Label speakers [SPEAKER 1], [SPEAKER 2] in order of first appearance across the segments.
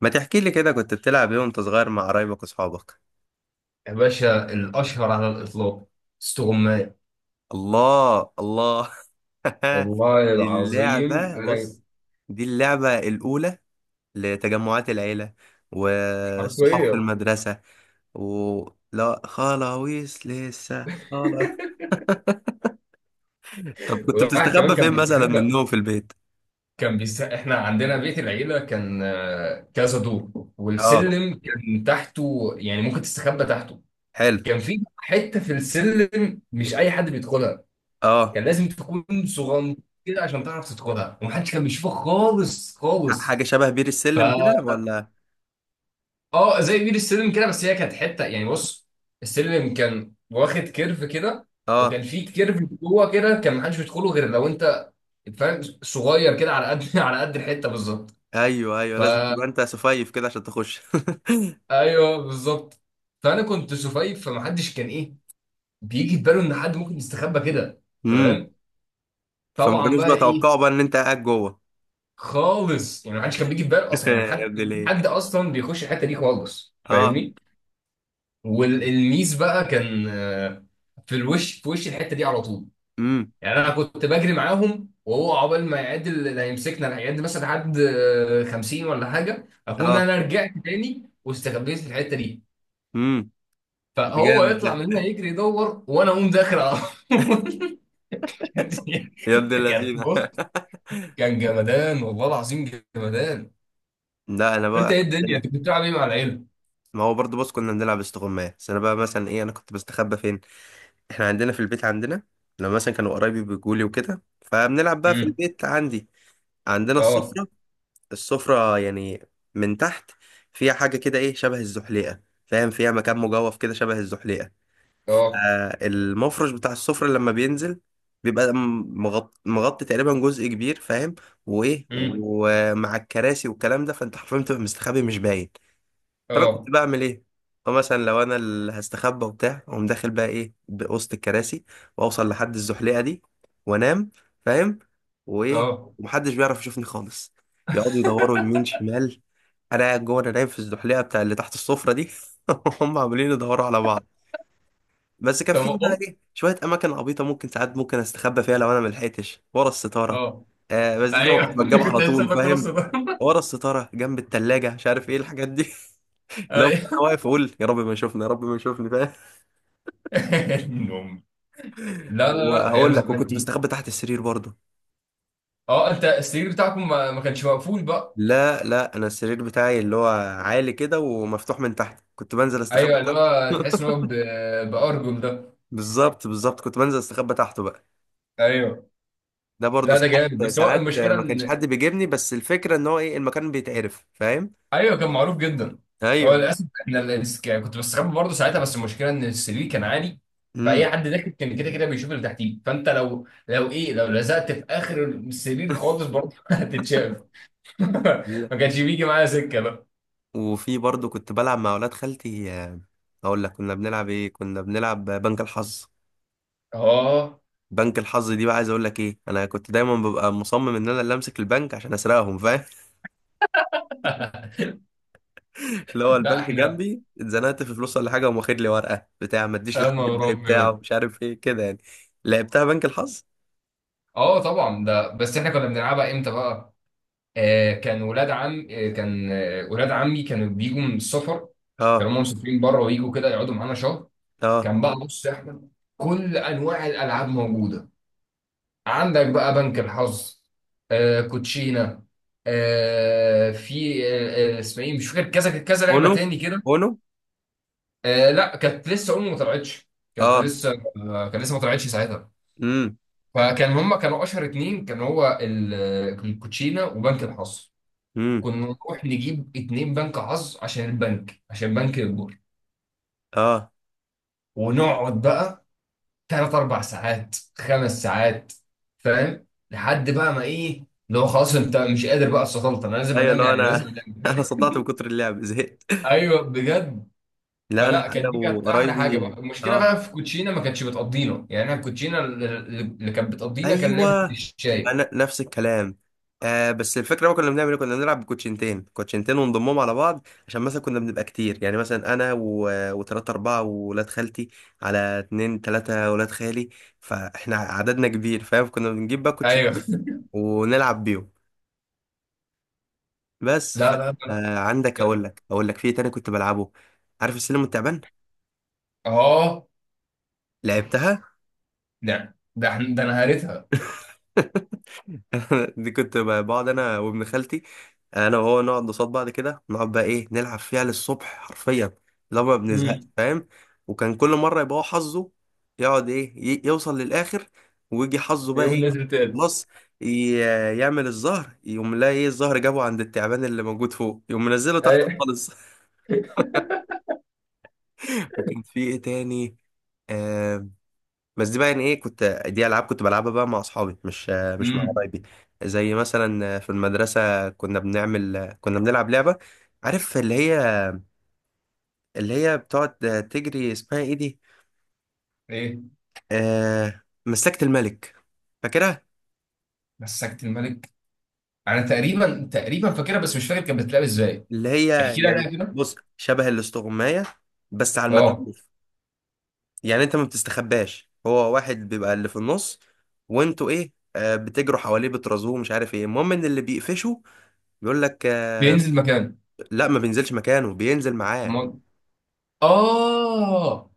[SPEAKER 1] ما تحكي لي كده كنت بتلعب ايه وانت صغير مع قرايبك واصحابك؟
[SPEAKER 2] يا باشا، الأشهر على الإطلاق استغماية.
[SPEAKER 1] الله الله.
[SPEAKER 2] والله
[SPEAKER 1] دي
[SPEAKER 2] العظيم
[SPEAKER 1] اللعبة،
[SPEAKER 2] انا
[SPEAKER 1] بص. دي اللعبة الأولى لتجمعات العيلة والصحاب في
[SPEAKER 2] حرفيا.
[SPEAKER 1] المدرسة. و لا خلاويص لسه خلاص. طب كنت
[SPEAKER 2] والواحد كمان
[SPEAKER 1] بتستخبى
[SPEAKER 2] كان
[SPEAKER 1] فين مثلا
[SPEAKER 2] بيستخبى.
[SPEAKER 1] منهم في البيت؟
[SPEAKER 2] إحنا عندنا بيت العيلة كان كذا دور،
[SPEAKER 1] اه.
[SPEAKER 2] والسلم كان تحته يعني ممكن تستخبى تحته.
[SPEAKER 1] حلو.
[SPEAKER 2] كان في حتة في السلم مش أي حد بيدخلها.
[SPEAKER 1] اه.
[SPEAKER 2] كان لازم تكون صغنطير كده عشان تعرف تدخلها، ومحدش كان بيشوفك خالص خالص.
[SPEAKER 1] حاجة شبه بير
[SPEAKER 2] ف
[SPEAKER 1] السلم كده، ولا؟
[SPEAKER 2] اه، زي بير السلم كده، بس هي كانت حته يعني بص. السلم كان واخد كيرف كده،
[SPEAKER 1] اه.
[SPEAKER 2] وكان فيه كيرف جوه كده، كان محدش بيدخله غير لو انت فاهم، صغير كده على قد على قد الحته بالظبط.
[SPEAKER 1] ايوه ايوه، لازم
[SPEAKER 2] فا
[SPEAKER 1] تبقى انت صفيف كده عشان تخش.
[SPEAKER 2] ايوه بالظبط. فانا كنت سفيف، فمحدش كان ايه بيجي في باله ان حد ممكن يستخبى كده،
[SPEAKER 1] امم.
[SPEAKER 2] فاهم؟
[SPEAKER 1] فما
[SPEAKER 2] طبعا
[SPEAKER 1] كانوش
[SPEAKER 2] بقى ايه،
[SPEAKER 1] بيتوقعوا بقى ان انت قاعد جوه.
[SPEAKER 2] خالص يعني. محدش كان بيجي في باله اصلا، يعني
[SPEAKER 1] يا
[SPEAKER 2] محد
[SPEAKER 1] ابن الايه.
[SPEAKER 2] حد اصلا بيخش الحته دي خالص،
[SPEAKER 1] اه.
[SPEAKER 2] فاهمني؟ والميس بقى كان في الوش، في وش الحته دي على طول.
[SPEAKER 1] امم.
[SPEAKER 2] يعني انا كنت بجري معاهم، وهو عقبال ما يعد اللي هيمسكنا لا، يعد مثلا لحد 50 ولا حاجه، اكون
[SPEAKER 1] اه.
[SPEAKER 2] انا رجعت تاني واستخبيت في الحته دي.
[SPEAKER 1] امم. ده
[SPEAKER 2] فهو
[SPEAKER 1] جامد ده.
[SPEAKER 2] يطلع من هنا يجري يدور، وانا اقوم داخل على طول. كانت-
[SPEAKER 1] يا ابن
[SPEAKER 2] كان
[SPEAKER 1] اللذينه.
[SPEAKER 2] بص، كان جمدان والله العظيم، جمدان.
[SPEAKER 1] لا انا
[SPEAKER 2] انت
[SPEAKER 1] بقى
[SPEAKER 2] ايه الدنيا، انت
[SPEAKER 1] عندنا،
[SPEAKER 2] كنت بتلعب ايه مع العيله؟
[SPEAKER 1] ما هو برضه بص، كنا بنلعب استغماية، بس انا بقى مثلا ايه، انا كنت بستخبى فين؟ احنا عندنا في البيت، عندنا لما مثلا كانوا قرايبي بيجولي وكده فبنلعب بقى في
[SPEAKER 2] امم.
[SPEAKER 1] البيت عندي. عندنا
[SPEAKER 2] اه
[SPEAKER 1] السفرة يعني، من تحت فيها حاجة كده ايه شبه الزحليقة. فاهم، فيها مكان مجوف كده شبه الزحليقة.
[SPEAKER 2] اه.
[SPEAKER 1] المفرش بتاع السفرة لما بينزل بيبقى مغطي تقريبا جزء كبير، فاهم. وايه،
[SPEAKER 2] امم.
[SPEAKER 1] ومع الكراسي والكلام ده فانت حرفيا بتبقى مستخبي، مش باين. فانا كنت
[SPEAKER 2] اه
[SPEAKER 1] بعمل ايه؟ فمثلا لو انا اللي هستخبى وبتاع، اقوم داخل بقى ايه بوسط الكراسي، واوصل لحد الزحليقه دي، وانام، فاهم، وايه.
[SPEAKER 2] اه.
[SPEAKER 1] ومحدش بيعرف يشوفني خالص، يقعدوا يدوروا يمين شمال، انا قاعد جوه، انا نايم في الزحليقه بتاع اللي تحت السفره دي. هم عاملين يدوروا على بعض. بس كان
[SPEAKER 2] طب
[SPEAKER 1] في بقى
[SPEAKER 2] أوه.
[SPEAKER 1] ايه شويه اماكن عبيطه ممكن ساعات ممكن استخبى فيها لو انا ملحقتش ورا الستاره.
[SPEAKER 2] اه.
[SPEAKER 1] بس دي طبعا
[SPEAKER 2] ايوه
[SPEAKER 1] كنت بتجاب
[SPEAKER 2] كنت
[SPEAKER 1] على
[SPEAKER 2] لسه
[SPEAKER 1] طول،
[SPEAKER 2] باكل راسه
[SPEAKER 1] فاهم،
[SPEAKER 2] ده.
[SPEAKER 1] ورا الستاره جنب التلاجة، مش عارف ايه الحاجات دي. لو انا
[SPEAKER 2] أيوة.
[SPEAKER 1] واقف اقول يا رب ما يشوفني، يا رب ما يشوفني، فاهم.
[SPEAKER 2] النوم. لا لا لا، ايام
[SPEAKER 1] وهقول لك،
[SPEAKER 2] زمان
[SPEAKER 1] وكنت
[SPEAKER 2] دي.
[SPEAKER 1] بستخبى تحت السرير برضه.
[SPEAKER 2] اه، انت السرير بتاعكم ما كانش مقفول بقى.
[SPEAKER 1] لا لا، انا السرير بتاعي اللي هو عالي كده ومفتوح من تحت، كنت بنزل استخبى
[SPEAKER 2] ايوه، اللي
[SPEAKER 1] تحت.
[SPEAKER 2] هو تحس ان هو بارجل ده.
[SPEAKER 1] بالظبط بالظبط، كنت بنزل استخبى تحته بقى.
[SPEAKER 2] ايوه.
[SPEAKER 1] ده برضه
[SPEAKER 2] لا ده جامد،
[SPEAKER 1] ساعات
[SPEAKER 2] بس هو
[SPEAKER 1] ساعات
[SPEAKER 2] المشكله
[SPEAKER 1] ما كانش حد
[SPEAKER 2] ان
[SPEAKER 1] بيجيبني، بس الفكره ان هو ايه، المكان بيتعرف، فاهم.
[SPEAKER 2] ايوه كان معروف جدا. هو
[SPEAKER 1] ايوه.
[SPEAKER 2] للاسف احنا كنت بستخبى برضه ساعتها، بس المشكله ان السرير كان عالي، فاي
[SPEAKER 1] امم.
[SPEAKER 2] حد داخل كان كده كده بيشوف اللي تحتيه. فانت لو ايه، لو لزقت في اخر السرير خالص برضه هتتشاف.
[SPEAKER 1] لا.
[SPEAKER 2] ما كانش بيجي معايا سكه بقى.
[SPEAKER 1] وفي برضه كنت بلعب مع اولاد خالتي اقول لك كنا بنلعب ايه. كنا بنلعب بنك الحظ.
[SPEAKER 2] اه.
[SPEAKER 1] بنك الحظ دي بقى عايز اقول لك ايه، انا كنت دايما ببقى مصمم ان انا اللي امسك البنك عشان اسرقهم، فاهم. اللي هو
[SPEAKER 2] لا
[SPEAKER 1] البنك
[SPEAKER 2] احنا.
[SPEAKER 1] جنبي، اتزنقت في فلوس ولا حاجه، وقام واخد لي ورقه بتاع ما تديش
[SPEAKER 2] يا
[SPEAKER 1] لحد
[SPEAKER 2] نهار
[SPEAKER 1] الباقي بتاعه،
[SPEAKER 2] ابيض.
[SPEAKER 1] مش عارف ايه كده يعني. لعبتها بنك الحظ.
[SPEAKER 2] اه طبعا، ده بس احنا كنا بنلعبها امتى بقى؟ آه كان ولاد عم، آه كان ولاد عمي كانوا بيجوا من السفر. كانوا
[SPEAKER 1] اه.
[SPEAKER 2] هم مسافرين بره، ويجوا كده يقعدوا معانا شهر.
[SPEAKER 1] اه.
[SPEAKER 2] كان بقى بص يا احمد، كل انواع الالعاب موجوده. عندك بقى بنك الحظ، آه كوتشينه، آه في اسمها ايه مش فاكر، كذا كذا لعبه
[SPEAKER 1] اونو.
[SPEAKER 2] تاني كده.
[SPEAKER 1] اونو.
[SPEAKER 2] آه لا، كانت لسه امي ما طلعتش، كانت
[SPEAKER 1] اه.
[SPEAKER 2] لسه، كانت لسه ما طلعتش ساعتها.
[SPEAKER 1] امم.
[SPEAKER 2] فكان هما كانوا اشهر اتنين، كان هو الكوتشينه وبنك الحظ.
[SPEAKER 1] امم.
[SPEAKER 2] كنا نروح نجيب اتنين بنك حظ عشان البنك، عشان بنك يكبر.
[SPEAKER 1] اه.
[SPEAKER 2] ونقعد بقى تلات اربع ساعات، خمس ساعات، فاهم؟ لحد بقى ما ايه، لو خلاص انت مش قادر بقى، استطلت انا لازم
[SPEAKER 1] ايوه،
[SPEAKER 2] انام،
[SPEAKER 1] لو
[SPEAKER 2] يعني لازم
[SPEAKER 1] انا انا
[SPEAKER 2] انام.
[SPEAKER 1] صدعت من كتر اللعب، زهقت.
[SPEAKER 2] ايوه بجد.
[SPEAKER 1] لا انا
[SPEAKER 2] فلا
[SPEAKER 1] انا
[SPEAKER 2] كانت دي كانت احلى حاجه بقى.
[SPEAKER 1] وقرايبي.
[SPEAKER 2] المشكله
[SPEAKER 1] اه.
[SPEAKER 2] بقى في كوتشينا ما كانتش بتقضينا، يعني احنا الكوتشينا اللي كانت بتقضينا كان لعبه
[SPEAKER 1] ايوه،
[SPEAKER 2] الشاي.
[SPEAKER 1] انا نفس الكلام. آه بس الفكره بقى كنا بنعمل ايه، كنا بنلعب بكوتشنتين، كوتشنتين ونضمهم على بعض، عشان مثلا كنا بنبقى كتير يعني، مثلا انا و... وتلاته اربعه وولاد خالتي، على اتنين تلاته ولاد خالي، فاحنا عددنا كبير، فاهم، كنا بنجيب بقى
[SPEAKER 2] ايوه.
[SPEAKER 1] كوتشنتين، ونلعب بيهم. بس ف...
[SPEAKER 2] لا لا
[SPEAKER 1] عندك، اقول
[SPEAKER 2] لا.
[SPEAKER 1] لك اقول لك في إيه تاني كنت بلعبه؟ عارف السلم والتعبان؟
[SPEAKER 2] اه.
[SPEAKER 1] لعبتها.
[SPEAKER 2] ده إحنا- ده انا قريتها.
[SPEAKER 1] دي كنت بقعد انا وابن خالتي، انا وهو نقعد قصاد بعض كده، نقعد بقى ايه نلعب فيها للصبح حرفيا، لو ما بنزهقش،
[SPEAKER 2] امم.
[SPEAKER 1] فاهم. وكان كل مره يبقى هو حظه، يقعد ايه يوصل للاخر، ويجي حظه بقى
[SPEAKER 2] يقوم
[SPEAKER 1] ايه.
[SPEAKER 2] نزل تاني.
[SPEAKER 1] خلاص، ي- يعمل الزهر، يقوم لا ايه، الزهر جابه عند التعبان اللي موجود فوق، يقوم منزله تحت
[SPEAKER 2] اي.
[SPEAKER 1] خالص. وكان في ايه تاني آه، بس دي بقى يعني ايه، كنت دي العاب كنت بلعبها بقى مع اصحابي، مش مع
[SPEAKER 2] امم.
[SPEAKER 1] قرايبي. زي مثلا في المدرسه، كنا كنا بنلعب لعبه، عارف اللي هي، اللي هي بتقعد تجري، اسمها ايه دي؟
[SPEAKER 2] ايه
[SPEAKER 1] مسلكه الملك، فاكرها.
[SPEAKER 2] مسكت الملك. انا تقريبا تقريبا فاكرها، بس مش فاكر كانت بتتلعب ازاي.
[SPEAKER 1] اللي هي
[SPEAKER 2] احكي لي
[SPEAKER 1] يعني
[SPEAKER 2] عليها كده.
[SPEAKER 1] بص شبه الاستغمايه، بس على
[SPEAKER 2] اه
[SPEAKER 1] المكشوف. يعني انت ما بتستخباش، هو واحد بيبقى اللي في النص، وانتوا ايه بتجروا حواليه، بترازوه، مش عارف ايه، المهم ان اللي بيقفشه بيقول لك
[SPEAKER 2] بينزل مكان.
[SPEAKER 1] لا ما بينزلش مكانه، بينزل معاه.
[SPEAKER 2] م... اه،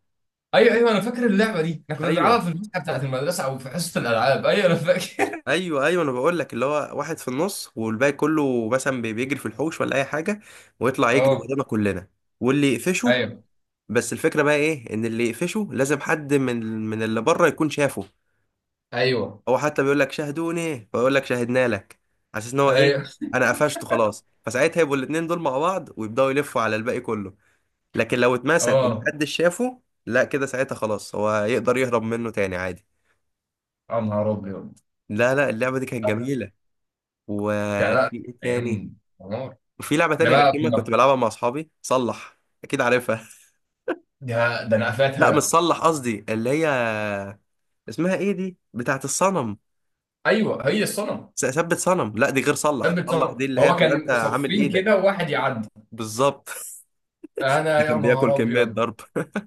[SPEAKER 2] ايوه ايوه، انا فاكر اللعبه دي. احنا كنا بنلعبها
[SPEAKER 1] ايوه
[SPEAKER 2] في الفسحه بتاعت المدرسه، او في حصه الالعاب. ايوه انا فاكر.
[SPEAKER 1] ايوه، ايوه انا بقول لك، اللي هو واحد في النص والباقي كله مثلا بيجري في الحوش ولا اي حاجه، ويطلع يجري
[SPEAKER 2] اه.
[SPEAKER 1] ورانا كلنا، واللي يقفشه.
[SPEAKER 2] ايوه
[SPEAKER 1] بس الفكره بقى ايه، ان اللي يقفشه لازم حد من اللي بره يكون شافه.
[SPEAKER 2] ايوه
[SPEAKER 1] هو حتى بيقول لك شاهدوني، فيقول لك شاهدنا لك، على اساس ان هو ايه،
[SPEAKER 2] ايوه.
[SPEAKER 1] انا قفشته خلاص، فساعتها يبقوا الاتنين دول مع بعض ويبداوا يلفوا على الباقي كله. لكن لو اتمسك
[SPEAKER 2] اه.
[SPEAKER 1] ومحدش شافه، لا كده ساعتها خلاص هو يقدر يهرب منه تاني عادي.
[SPEAKER 2] يا نهار ابيض.
[SPEAKER 1] لا لا، اللعبه دي كانت جميله.
[SPEAKER 2] ده
[SPEAKER 1] وفي
[SPEAKER 2] لا،
[SPEAKER 1] ايه تاني،
[SPEAKER 2] ايام نهار.
[SPEAKER 1] وفي لعبة
[SPEAKER 2] احنا
[SPEAKER 1] تانية
[SPEAKER 2] بقى
[SPEAKER 1] غشيمة كنت
[SPEAKER 2] كنا،
[SPEAKER 1] بلعبها مع أصحابي، صلح، أكيد عارفها.
[SPEAKER 2] ده انا
[SPEAKER 1] لا مش
[SPEAKER 2] قفلتها.
[SPEAKER 1] صلح، قصدي اللي هي، اسمها إيه دي بتاعت الصنم.
[SPEAKER 2] ايوه هي الصنم.
[SPEAKER 1] ثبت صنم، لا دي غير
[SPEAKER 2] كان
[SPEAKER 1] صلح. صلح
[SPEAKER 2] بيتصرف
[SPEAKER 1] دي اللي هي
[SPEAKER 2] هو،
[SPEAKER 1] بتبقى أنت
[SPEAKER 2] كان
[SPEAKER 1] عامل
[SPEAKER 2] صفين
[SPEAKER 1] إيدك.
[SPEAKER 2] كده وواحد يعدي.
[SPEAKER 1] بالظبط.
[SPEAKER 2] انا
[SPEAKER 1] ده
[SPEAKER 2] يا
[SPEAKER 1] كان بياكل
[SPEAKER 2] نهار
[SPEAKER 1] كمية
[SPEAKER 2] ابيض.
[SPEAKER 1] ضرب.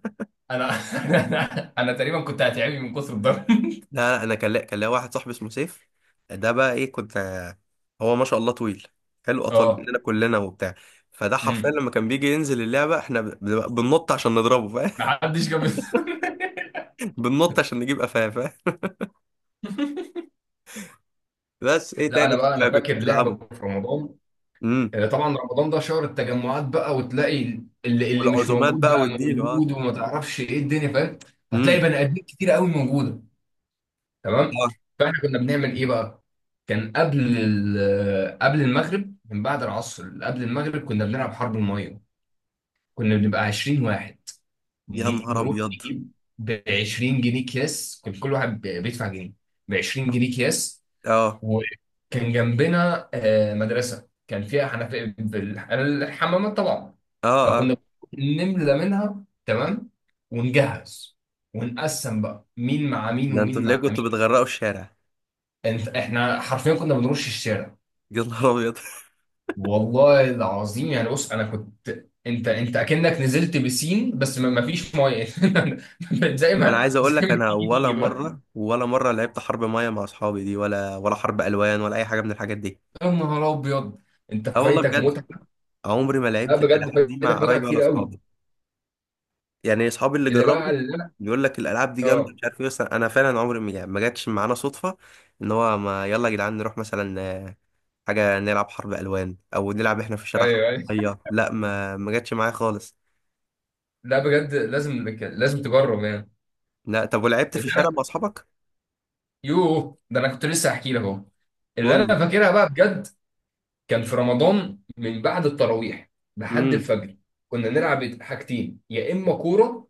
[SPEAKER 2] انا. انا تقريبا كنت هتعبي من كتر الضرب.
[SPEAKER 1] لا لا، أنا كان ليا واحد صاحبي اسمه سيف، ده بقى إيه، كنت، هو ما شاء الله طويل، حلو، أطول
[SPEAKER 2] اه.
[SPEAKER 1] مننا كلنا وبتاع. فده حرفيا
[SPEAKER 2] امم.
[SPEAKER 1] لما كان بيجي ينزل اللعبة احنا بنبقى بننط عشان نضربه، فاهم.
[SPEAKER 2] محدش جاب.
[SPEAKER 1] بننط عشان نجيب قفاه، فاهم. بس ايه
[SPEAKER 2] لا
[SPEAKER 1] تاني
[SPEAKER 2] انا بقى انا
[SPEAKER 1] كنت
[SPEAKER 2] فاكر لعبه
[SPEAKER 1] بتلعبه؟
[SPEAKER 2] في رمضان.
[SPEAKER 1] إمم.
[SPEAKER 2] طبعا رمضان ده شهر التجمعات بقى، وتلاقي اللي مش
[SPEAKER 1] والعزومات
[SPEAKER 2] موجود
[SPEAKER 1] بقى
[SPEAKER 2] بقى
[SPEAKER 1] واديله، اه.
[SPEAKER 2] موجود، وما تعرفش ايه الدنيا، فاهم؟ فتلاقي
[SPEAKER 1] امم.
[SPEAKER 2] بني ادمين كتير قوي موجوده. تمام.
[SPEAKER 1] اه.
[SPEAKER 2] فاحنا كنا بنعمل ايه بقى. كان قبل قبل المغرب، من بعد العصر قبل المغرب كنا بنلعب حرب الميه. كنا بنبقى 20 واحد.
[SPEAKER 1] يا نهار
[SPEAKER 2] نروح
[SPEAKER 1] ابيض.
[SPEAKER 2] نجيب ب 20 جنيه اكياس، كان كل واحد بيدفع جنيه، ب 20 جنيه اكياس.
[SPEAKER 1] اه.
[SPEAKER 2] وكان جنبنا مدرسه كان فيها حنفيه الحمامات طبعا.
[SPEAKER 1] اه. اه.
[SPEAKER 2] فكنا نملى منها، تمام. ونجهز، ونقسم بقى مين مع مين
[SPEAKER 1] ده
[SPEAKER 2] ومين
[SPEAKER 1] انتوا ليه
[SPEAKER 2] مع
[SPEAKER 1] كنتوا
[SPEAKER 2] مين.
[SPEAKER 1] بتغرقوا الشارع؟
[SPEAKER 2] انت احنا حرفيا كنا بنرش الشارع،
[SPEAKER 1] يا نهار ابيض.
[SPEAKER 2] والله العظيم، يعني بص انا كنت، انت انت اكنك نزلت بسين بس ما فيش ميه. زي
[SPEAKER 1] انا
[SPEAKER 2] ما
[SPEAKER 1] عايز اقول
[SPEAKER 2] زي
[SPEAKER 1] لك،
[SPEAKER 2] ما
[SPEAKER 1] انا
[SPEAKER 2] تيجي
[SPEAKER 1] ولا
[SPEAKER 2] تيجي بقى.
[SPEAKER 1] مره، ولا مره لعبت حرب ميه مع اصحابي دي، ولا حرب الوان، ولا اي حاجه من الحاجات دي.
[SPEAKER 2] يا نهار ابيض، انت
[SPEAKER 1] اه والله
[SPEAKER 2] فايتك
[SPEAKER 1] بجد،
[SPEAKER 2] متعه.
[SPEAKER 1] عمري ما
[SPEAKER 2] لا
[SPEAKER 1] لعبت
[SPEAKER 2] بجد
[SPEAKER 1] الالعاب دي مع
[SPEAKER 2] فايتك متعه
[SPEAKER 1] قرايبي ولا
[SPEAKER 2] كتير قوي.
[SPEAKER 1] اصحابي. يعني اصحابي اللي
[SPEAKER 2] اللي بقى
[SPEAKER 1] جربوا
[SPEAKER 2] اللي انا
[SPEAKER 1] بيقول لك الالعاب دي جامده،
[SPEAKER 2] اه.
[SPEAKER 1] مش عارف ايه، بس انا فعلا عمري ما يعني ما جاتش معانا صدفه ان هو، ما يلا يا جدعان نروح مثلا حاجة نلعب حرب ألوان، أو نلعب إحنا في الشارع حرب
[SPEAKER 2] ايوه ايوه.
[SPEAKER 1] مية. لا، ما جاتش معايا خالص.
[SPEAKER 2] لا بجد، لازم تجرب يعني.
[SPEAKER 1] لا طب، ولعبت في
[SPEAKER 2] اللي
[SPEAKER 1] الشارع مع
[SPEAKER 2] انا،
[SPEAKER 1] أصحابك؟
[SPEAKER 2] يوه ده انا كنت لسه هحكي لك اهو، اللي
[SPEAKER 1] قول لي.
[SPEAKER 2] انا فاكرها بقى بجد. كان في رمضان من بعد التراويح لحد
[SPEAKER 1] امم.
[SPEAKER 2] الفجر كنا نلعب حاجتين، يا اما كوره،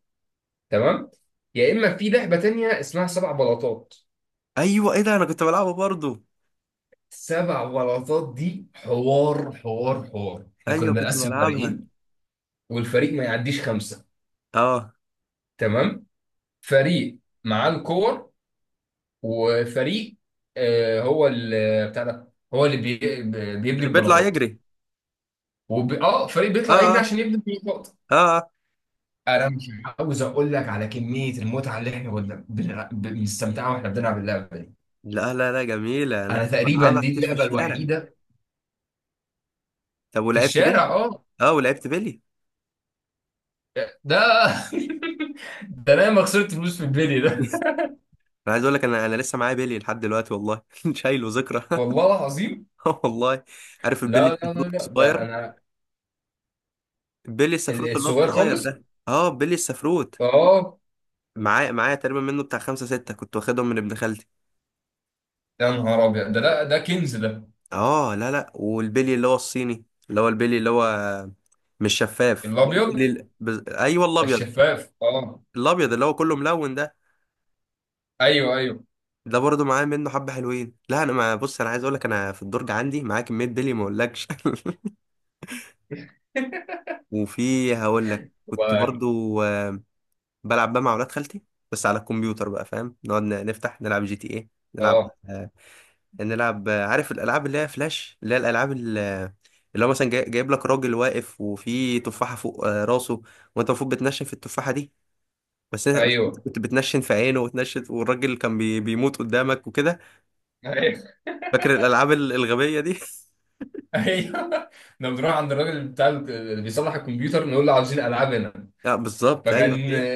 [SPEAKER 2] تمام، يا اما في لعبه تانية اسمها سبع بلاطات.
[SPEAKER 1] أيوه، إيه ده، أنا كنت بلعبها برضو.
[SPEAKER 2] سبع بلاطات دي حوار حوار حوار. احنا كنا
[SPEAKER 1] أيوه كنت
[SPEAKER 2] بنقسم
[SPEAKER 1] بلعبها.
[SPEAKER 2] فريقين، والفريق ما يعديش خمسه،
[SPEAKER 1] أه.
[SPEAKER 2] تمام. فريق معاه الكور وفريق هو اللي بتاع ده، هو اللي بي بيبني
[SPEAKER 1] اللي بيطلع
[SPEAKER 2] البلاطات.
[SPEAKER 1] يجري.
[SPEAKER 2] اه فريق بيطلع
[SPEAKER 1] أه
[SPEAKER 2] يجري
[SPEAKER 1] أه.
[SPEAKER 2] عشان يبني البلاطات.
[SPEAKER 1] أه آه.
[SPEAKER 2] انا مش عاوز اقول لك على كميه المتعه اللي احنا كنا بنستمتعها واحنا بنلعب اللعبه دي.
[SPEAKER 1] لا لا لا، جميلة، أنا
[SPEAKER 2] انا
[SPEAKER 1] كنت
[SPEAKER 2] تقريبا
[SPEAKER 1] بلعبها
[SPEAKER 2] دي
[SPEAKER 1] كتير في
[SPEAKER 2] اللعبه
[SPEAKER 1] الشارع.
[SPEAKER 2] الوحيده
[SPEAKER 1] طب
[SPEAKER 2] في
[SPEAKER 1] ولعبت بيلي؟
[SPEAKER 2] الشارع. اه.
[SPEAKER 1] أه ولعبت بيلي.
[SPEAKER 2] ده ده انا ما خسرت فلوس في البيلي ده،
[SPEAKER 1] أنا عايز أقول لك، أنا لسه معايا بيلي لحد دلوقتي، والله. شايله ذكرى.
[SPEAKER 2] والله العظيم.
[SPEAKER 1] آه والله. عارف البيلي
[SPEAKER 2] لا لا لا
[SPEAKER 1] السفروت
[SPEAKER 2] لا، ده
[SPEAKER 1] الصغير؟
[SPEAKER 2] انا
[SPEAKER 1] بيلي السفروت اللي هو
[SPEAKER 2] الصغير
[SPEAKER 1] الصغير
[SPEAKER 2] خالص.
[SPEAKER 1] ده، أه بيلي السفروت.
[SPEAKER 2] اه.
[SPEAKER 1] معايا تقريبا منه بتاع خمسة ستة، كنت واخدهم من ابن خالتي.
[SPEAKER 2] يا نهار ابيض، ده لا ده كنز ده.
[SPEAKER 1] اه. لا لا، والبلي اللي هو الصيني، اللي هو البلي اللي هو مش شفاف، البلي
[SPEAKER 2] الابيض
[SPEAKER 1] ايوه الابيض،
[SPEAKER 2] الشفاف. اه
[SPEAKER 1] الابيض اللي هو كله ملون ده.
[SPEAKER 2] ايوه ايوه.
[SPEAKER 1] ده برضه معايا منه حبة حلوين. لا انا ما بص، انا عايز اقول لك انا في الدرج عندي معايا كمية بلي ما اقولكش. وفي هقول لك، كنت
[SPEAKER 2] والله.
[SPEAKER 1] برضه آه، بلعب بقى مع اولاد خالتي، بس على الكمبيوتر بقى، فاهم. نقعد نفتح نلعب GTA، نلعب،
[SPEAKER 2] اه
[SPEAKER 1] نلعب، عارف الالعاب اللي هي فلاش، اللي هي الالعاب اللي، اللي هو مثلا جايب لك راجل واقف وفي تفاحه فوق راسه، وانت المفروض بتنشن في التفاحه دي، بس بس انت
[SPEAKER 2] ايوه
[SPEAKER 1] كنت بتنشن في عينه وتنشن والراجل كان بيموت قدامك وكده.
[SPEAKER 2] ايوه
[SPEAKER 1] فاكر الالعاب الغبيه دي؟
[SPEAKER 2] ايوه. لما بنروح عند الراجل بتاع اللي بيصلح الكمبيوتر، نقول له عاوزين العاب هنا.
[SPEAKER 1] اه بالظبط،
[SPEAKER 2] فكان
[SPEAKER 1] ايوه هي،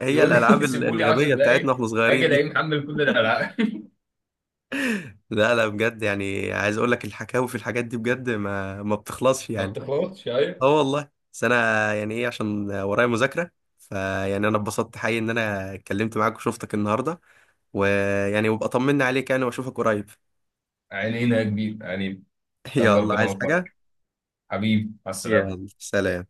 [SPEAKER 1] هي
[SPEAKER 2] يقول لي
[SPEAKER 1] الالعاب
[SPEAKER 2] سيبوا لي 10
[SPEAKER 1] الغبيه بتاعتنا
[SPEAKER 2] دقايق،
[SPEAKER 1] واحنا
[SPEAKER 2] اجي
[SPEAKER 1] صغيرين
[SPEAKER 2] الاقيه
[SPEAKER 1] دي.
[SPEAKER 2] محمل كل الالعاب.
[SPEAKER 1] لا لا بجد، يعني عايز اقول لك الحكاوي في الحاجات دي بجد ما بتخلصش
[SPEAKER 2] ما
[SPEAKER 1] يعني.
[SPEAKER 2] بتخلصش، ايوه.
[SPEAKER 1] اه والله. بس انا يعني ايه، عشان ورايا مذاكره، فيعني انا اتبسطت حقيقي ان انا اتكلمت معاك وشفتك النهارده، ويعني وابقى طمنا عليك يعني، واشوفك قريب.
[SPEAKER 2] عينينا يا كبير، عينينا. يلا
[SPEAKER 1] يلا،
[SPEAKER 2] ربنا
[SPEAKER 1] عايز حاجه؟
[SPEAKER 2] يوفقك، حبيبي، مع السلامة.
[SPEAKER 1] يلا سلام.